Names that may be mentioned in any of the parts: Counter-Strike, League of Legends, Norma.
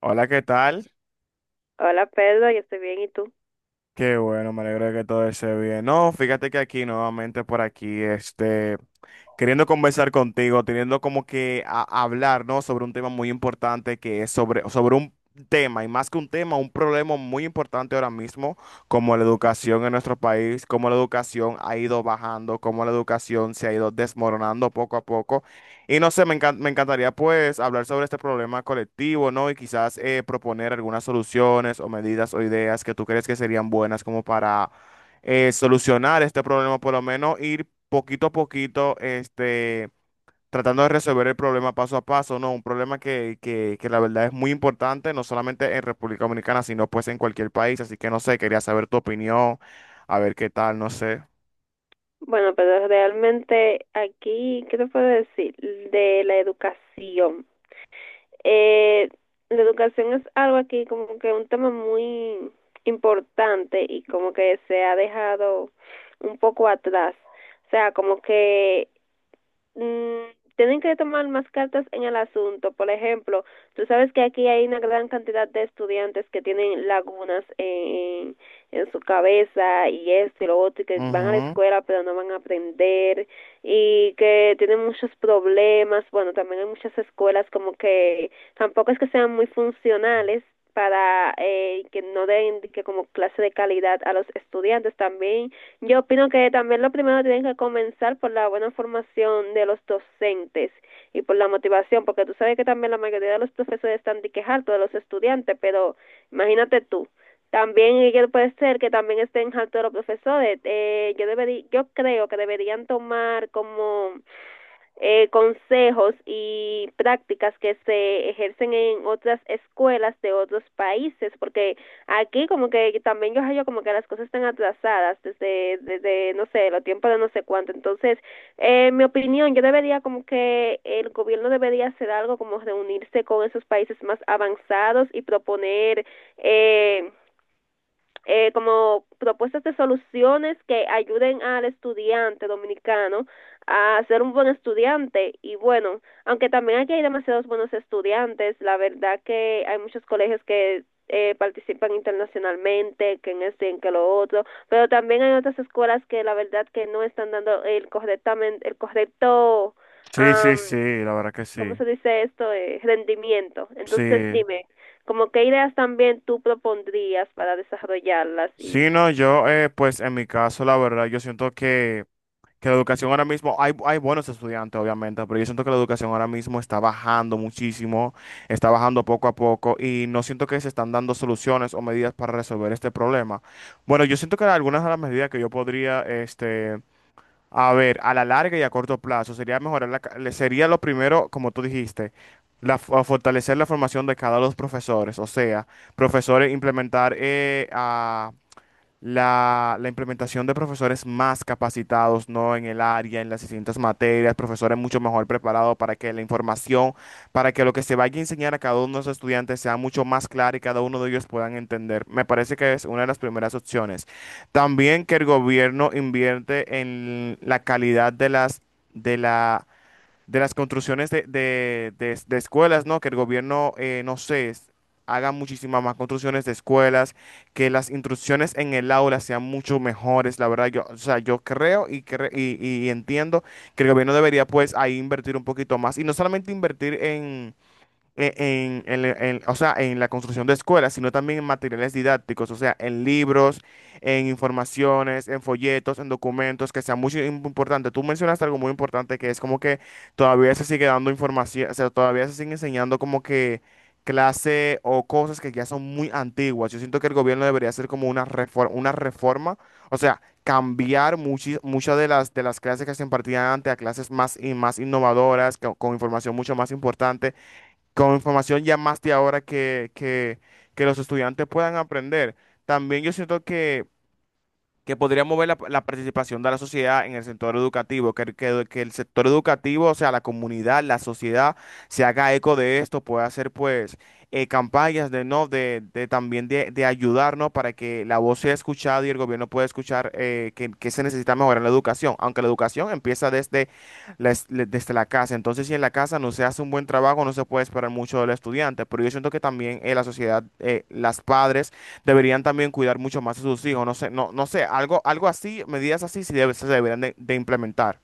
Hola, ¿qué tal? Hola Pedro, yo estoy bien, ¿y tú? Qué bueno, me alegro de que todo esté bien. No, fíjate que aquí nuevamente por aquí, queriendo conversar contigo, teniendo como que hablar, ¿no? Sobre un tema muy importante que es sobre un tema, y más que un tema, un problema muy importante ahora mismo, como la educación en nuestro país, cómo la educación ha ido bajando, cómo la educación se ha ido desmoronando poco a poco. Y no sé, me encantaría pues hablar sobre este problema colectivo, ¿no? Y quizás proponer algunas soluciones o medidas o ideas que tú crees que serían buenas como para solucionar este problema, por lo menos ir poquito a poquito, tratando de resolver el problema paso a paso, ¿no? Un problema que la verdad es muy importante, no solamente en República Dominicana, sino pues en cualquier país. Así que no sé, quería saber tu opinión, a ver qué tal, no sé. Bueno, pero realmente aquí, ¿qué te puedo decir? De la educación. Eh, la educación es algo aquí como que un tema muy importante y como que se ha dejado un poco atrás. O sea, como que mm, tienen que tomar más cartas en el asunto. Por ejemplo, tú sabes que aquí hay una gran cantidad de estudiantes que tienen lagunas en su cabeza y esto y lo otro, y que van a la Ujú. escuela pero no van a aprender y que tienen muchos problemas. Bueno, también hay muchas escuelas como que tampoco es que sean muy funcionales para que no den de que como clase de calidad a los estudiantes. También yo opino que también lo primero tienen que comenzar por la buena formación de los docentes y por la motivación, porque tú sabes que también la mayoría de los profesores están de hartos de los estudiantes, pero imagínate tú, también ellos puede ser que también estén hartos de los profesores. Yo debería, yo creo que deberían tomar como consejos y prácticas que se ejercen en otras escuelas de otros países, porque aquí como que también yo hallo como que las cosas están atrasadas desde no sé, los tiempos de no sé cuánto. Entonces, en mi opinión, yo debería como que el gobierno debería hacer algo como reunirse con esos países más avanzados y proponer eh, como propuestas de soluciones que ayuden al estudiante dominicano a ser un buen estudiante. Y bueno, aunque también aquí hay demasiados buenos estudiantes, la verdad que hay muchos colegios que participan internacionalmente, que en esto y en que lo otro, pero también hay otras escuelas que la verdad que no están dando el correctamente el correcto Sí, sí, sí, um, la verdad que ¿cómo sí. se dice esto? Rendimiento. sí. Entonces, dime, ¿como qué ideas también tú propondrías para desarrollarlas y Sí, no, yo, pues en mi caso, la verdad, yo siento que la educación ahora mismo, hay buenos estudiantes, obviamente, pero yo siento que la educación ahora mismo está bajando muchísimo, está bajando poco a poco y no siento que se están dando soluciones o medidas para resolver este problema. Bueno, yo siento que algunas de las medidas que yo podría, a ver, a la larga y a corto plazo, sería mejorar sería lo primero, como tú dijiste, fortalecer la formación de cada uno de los profesores, o sea, profesores implementar a la implementación de profesores más capacitados, ¿no? En el área, en las distintas materias, profesores mucho mejor preparados para que la información, para que lo que se vaya a enseñar a cada uno de los estudiantes sea mucho más claro y cada uno de ellos puedan entender. Me parece que es una de las primeras opciones. También que el gobierno invierte en la calidad de de la de las construcciones de escuelas, ¿no? Que el gobierno, no sé, haga muchísimas más construcciones de escuelas, que las instrucciones en el aula sean mucho mejores, la verdad, yo, o sea, yo creo y entiendo que el gobierno debería pues ahí invertir un poquito más y no solamente invertir en o sea, en la construcción de escuelas, sino también en materiales didácticos, o sea, en libros, en informaciones, en folletos, en documentos, que sea muy importante. Tú mencionaste algo muy importante que es como que todavía se sigue dando información, o sea, todavía se sigue enseñando como que clase o cosas que ya son muy antiguas. Yo siento que el gobierno debería hacer como una reforma, o sea, cambiar muchas de las clases que se impartían antes a clases más y más innovadoras, con información mucho más importante con información ya más de ahora que los estudiantes puedan aprender. También yo siento que podría mover la participación de la sociedad en el sector educativo, que el sector educativo, o sea, la comunidad, la sociedad, se haga eco de esto, pueda hacer pues campañas de no, de también de ayudarnos. Para que la voz sea escuchada y el gobierno pueda escuchar que se necesita mejorar la educación, aunque la educación empieza desde desde la casa, entonces si en la casa no se hace un buen trabajo, no se puede esperar mucho del estudiante, pero yo siento que también la sociedad, las padres, deberían también cuidar mucho más a sus hijos. No sé, no, no sé, algo, algo así, medidas así sí se deberían de implementar.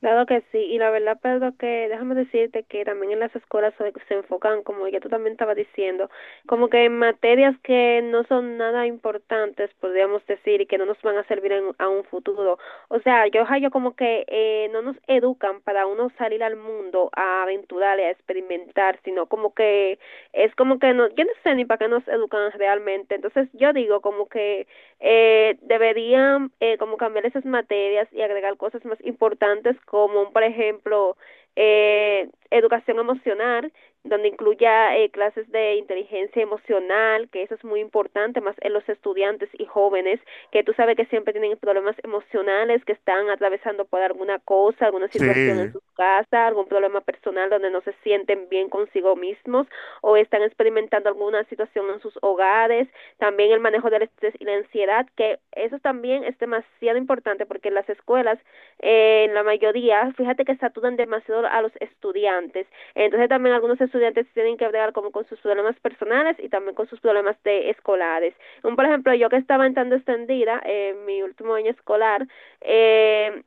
claro que sí? Y la verdad, Pedro, que déjame decirte que también en las escuelas se enfocan, como ya tú también estabas diciendo, como que en materias que no son nada importantes, podríamos decir, y que no nos van a servir a un futuro. O sea, yo como que no nos educan para uno salir al mundo a aventurar y a experimentar, sino como que es como que no, yo no sé ni para qué nos educan realmente. Entonces yo digo como que deberían como cambiar esas materias y agregar cosas más importantes como por ejemplo educación emocional, donde incluya clases de inteligencia emocional, que eso es muy importante más en los estudiantes y jóvenes, que tú sabes que siempre tienen problemas emocionales, que están atravesando por alguna cosa, alguna situación en Sí, sus casas, algún problema personal donde no se sienten bien consigo mismos o están experimentando alguna situación en sus hogares. También el manejo del estrés y la ansiedad, que eso también es demasiado importante porque las escuelas, en la mayoría, fíjate que saturan demasiado a los estudiantes. Entonces también algunos estudiantes tienen que bregar como con sus problemas personales y también con sus problemas de escolares. Por ejemplo, yo que estaba entrando extendida en mi último año escolar, eh,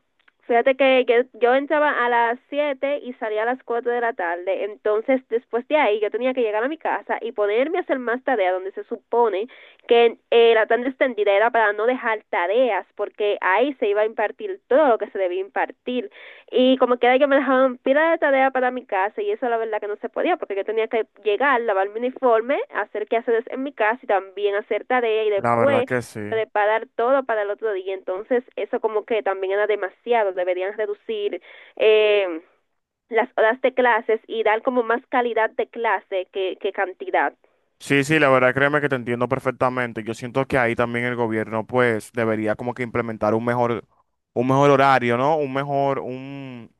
fíjate que yo, entraba a las 7 y salía a las 4 de la tarde. Entonces, después de ahí, yo tenía que llegar a mi casa y ponerme a hacer más tarea, donde se supone que la tan extendida era para no dejar tareas, porque ahí se iba a impartir todo lo que se debía impartir. Y como que era que me dejaban pila de tarea para mi casa, y eso la verdad que no se podía, porque yo tenía que llegar, lavar mi uniforme, hacer quehaceres en mi casa y también hacer tarea, y la verdad después que sí. preparar todo para el otro día. Entonces, eso como que también era demasiado, deberían reducir eh, las horas de clases y dar como más calidad de clase que cantidad. Sí, sí, la verdad créeme que te entiendo perfectamente. Yo siento que ahí también el gobierno pues debería como que implementar un mejor horario, ¿no? Un mejor, un,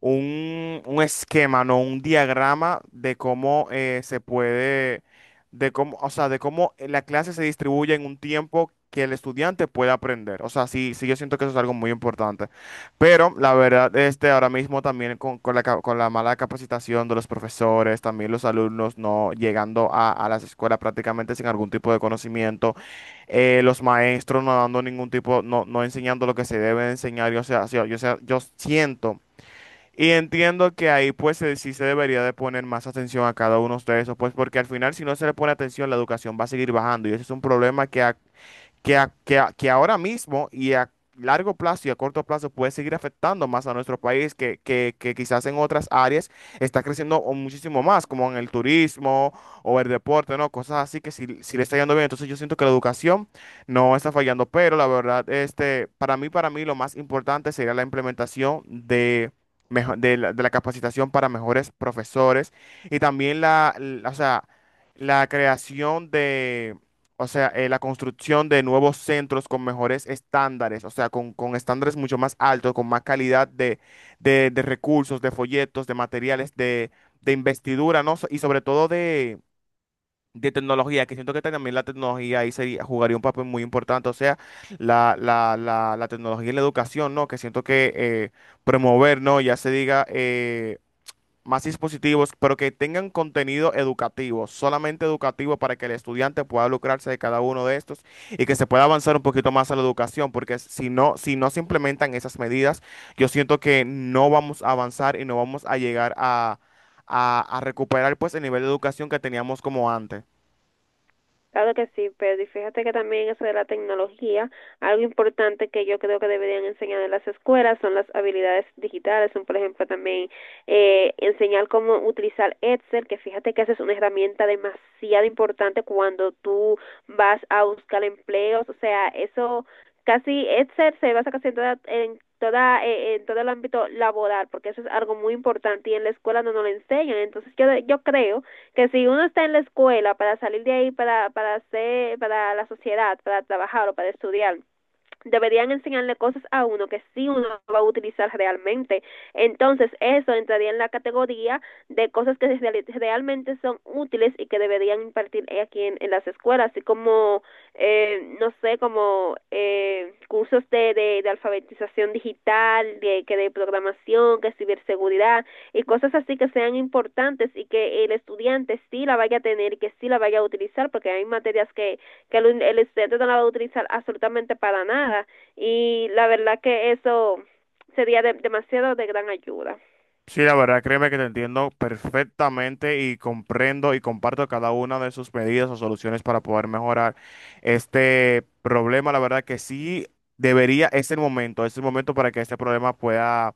un esquema, no un diagrama de cómo se puede, de cómo, o sea, de cómo la clase se distribuye en un tiempo que el estudiante pueda aprender. O sea, sí, sí, yo siento que eso es algo muy importante. Pero la verdad, ahora mismo también con con la mala capacitación de los profesores, también los alumnos no llegando a las escuelas prácticamente sin algún tipo de conocimiento, los maestros no dando ningún tipo, no, no enseñando lo que se debe enseñar. Yo, sea, yo yo siento. Y entiendo que ahí pues sí se debería de poner más atención a cada uno de esos, pues porque al final si no se le pone atención la educación va a seguir bajando y ese es un problema que ahora mismo y a largo plazo y a corto plazo puede seguir afectando más a nuestro país, que quizás en otras áreas está creciendo o muchísimo más, como en el turismo o el deporte, ¿no? Cosas así que si, si le está yendo bien, entonces yo siento que la educación no está fallando, pero la verdad, para mí lo más importante sería la implementación de... De de la capacitación para mejores profesores y también o sea, la creación de, o sea, la construcción de nuevos centros con mejores estándares, o sea, con estándares mucho más altos, con más calidad de recursos, de folletos, de materiales, de investidura, ¿no? Y sobre todo de tecnología, que siento que también la tecnología ahí jugaría un papel muy importante, o sea, la tecnología y la educación, ¿no? Que siento que promover, ¿no? Ya se diga... más dispositivos, pero que tengan contenido educativo, solamente educativo para que el estudiante pueda lucrarse de cada uno de estos y que se pueda avanzar un poquito más a la educación, porque si no, si no se implementan esas medidas, yo siento que no vamos a avanzar y no vamos a llegar a recuperar pues el nivel de educación que teníamos como antes. Claro que sí, pero y fíjate que también eso de la tecnología, algo importante que yo creo que deberían enseñar en las escuelas son las habilidades digitales, son por ejemplo también enseñar cómo utilizar Excel, que fíjate que esa es una herramienta demasiado importante cuando tú vas a buscar empleos, o sea, eso casi Excel se basa casi en todo el ámbito laboral, porque eso es algo muy importante y en la escuela no nos lo enseñan, entonces yo creo que si uno está en la escuela para salir de ahí para hacer para la sociedad, para trabajar o para estudiar, deberían enseñarle cosas a uno que sí uno va a utilizar realmente. Entonces, eso entraría en la categoría de cosas que realmente son útiles y que deberían impartir aquí en las escuelas, así como, no sé, como cursos de alfabetización digital, de, que de programación, que ciberseguridad y cosas así que sean importantes y que el estudiante sí la vaya a tener y que sí la vaya a utilizar, porque hay materias que que el estudiante no la va a utilizar absolutamente para nada y la verdad que eso sería demasiado de gran ayuda. Sí, la verdad, créeme que te entiendo perfectamente y comprendo y comparto cada una de sus medidas o soluciones para poder mejorar este problema. La verdad que sí debería, es el momento para que este problema pueda,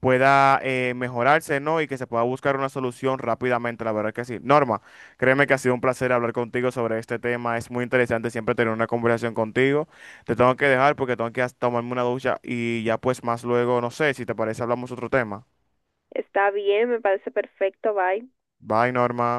pueda mejorarse, ¿no? Y que se pueda buscar una solución rápidamente, la verdad que sí. Norma, créeme que ha sido un placer hablar contigo sobre este tema. Es muy interesante siempre tener una conversación contigo. Te tengo que dejar porque tengo que tomarme una ducha y ya pues más luego, no sé, si te parece, hablamos otro tema. Está bien, me parece perfecto, bye. Bye, Norma.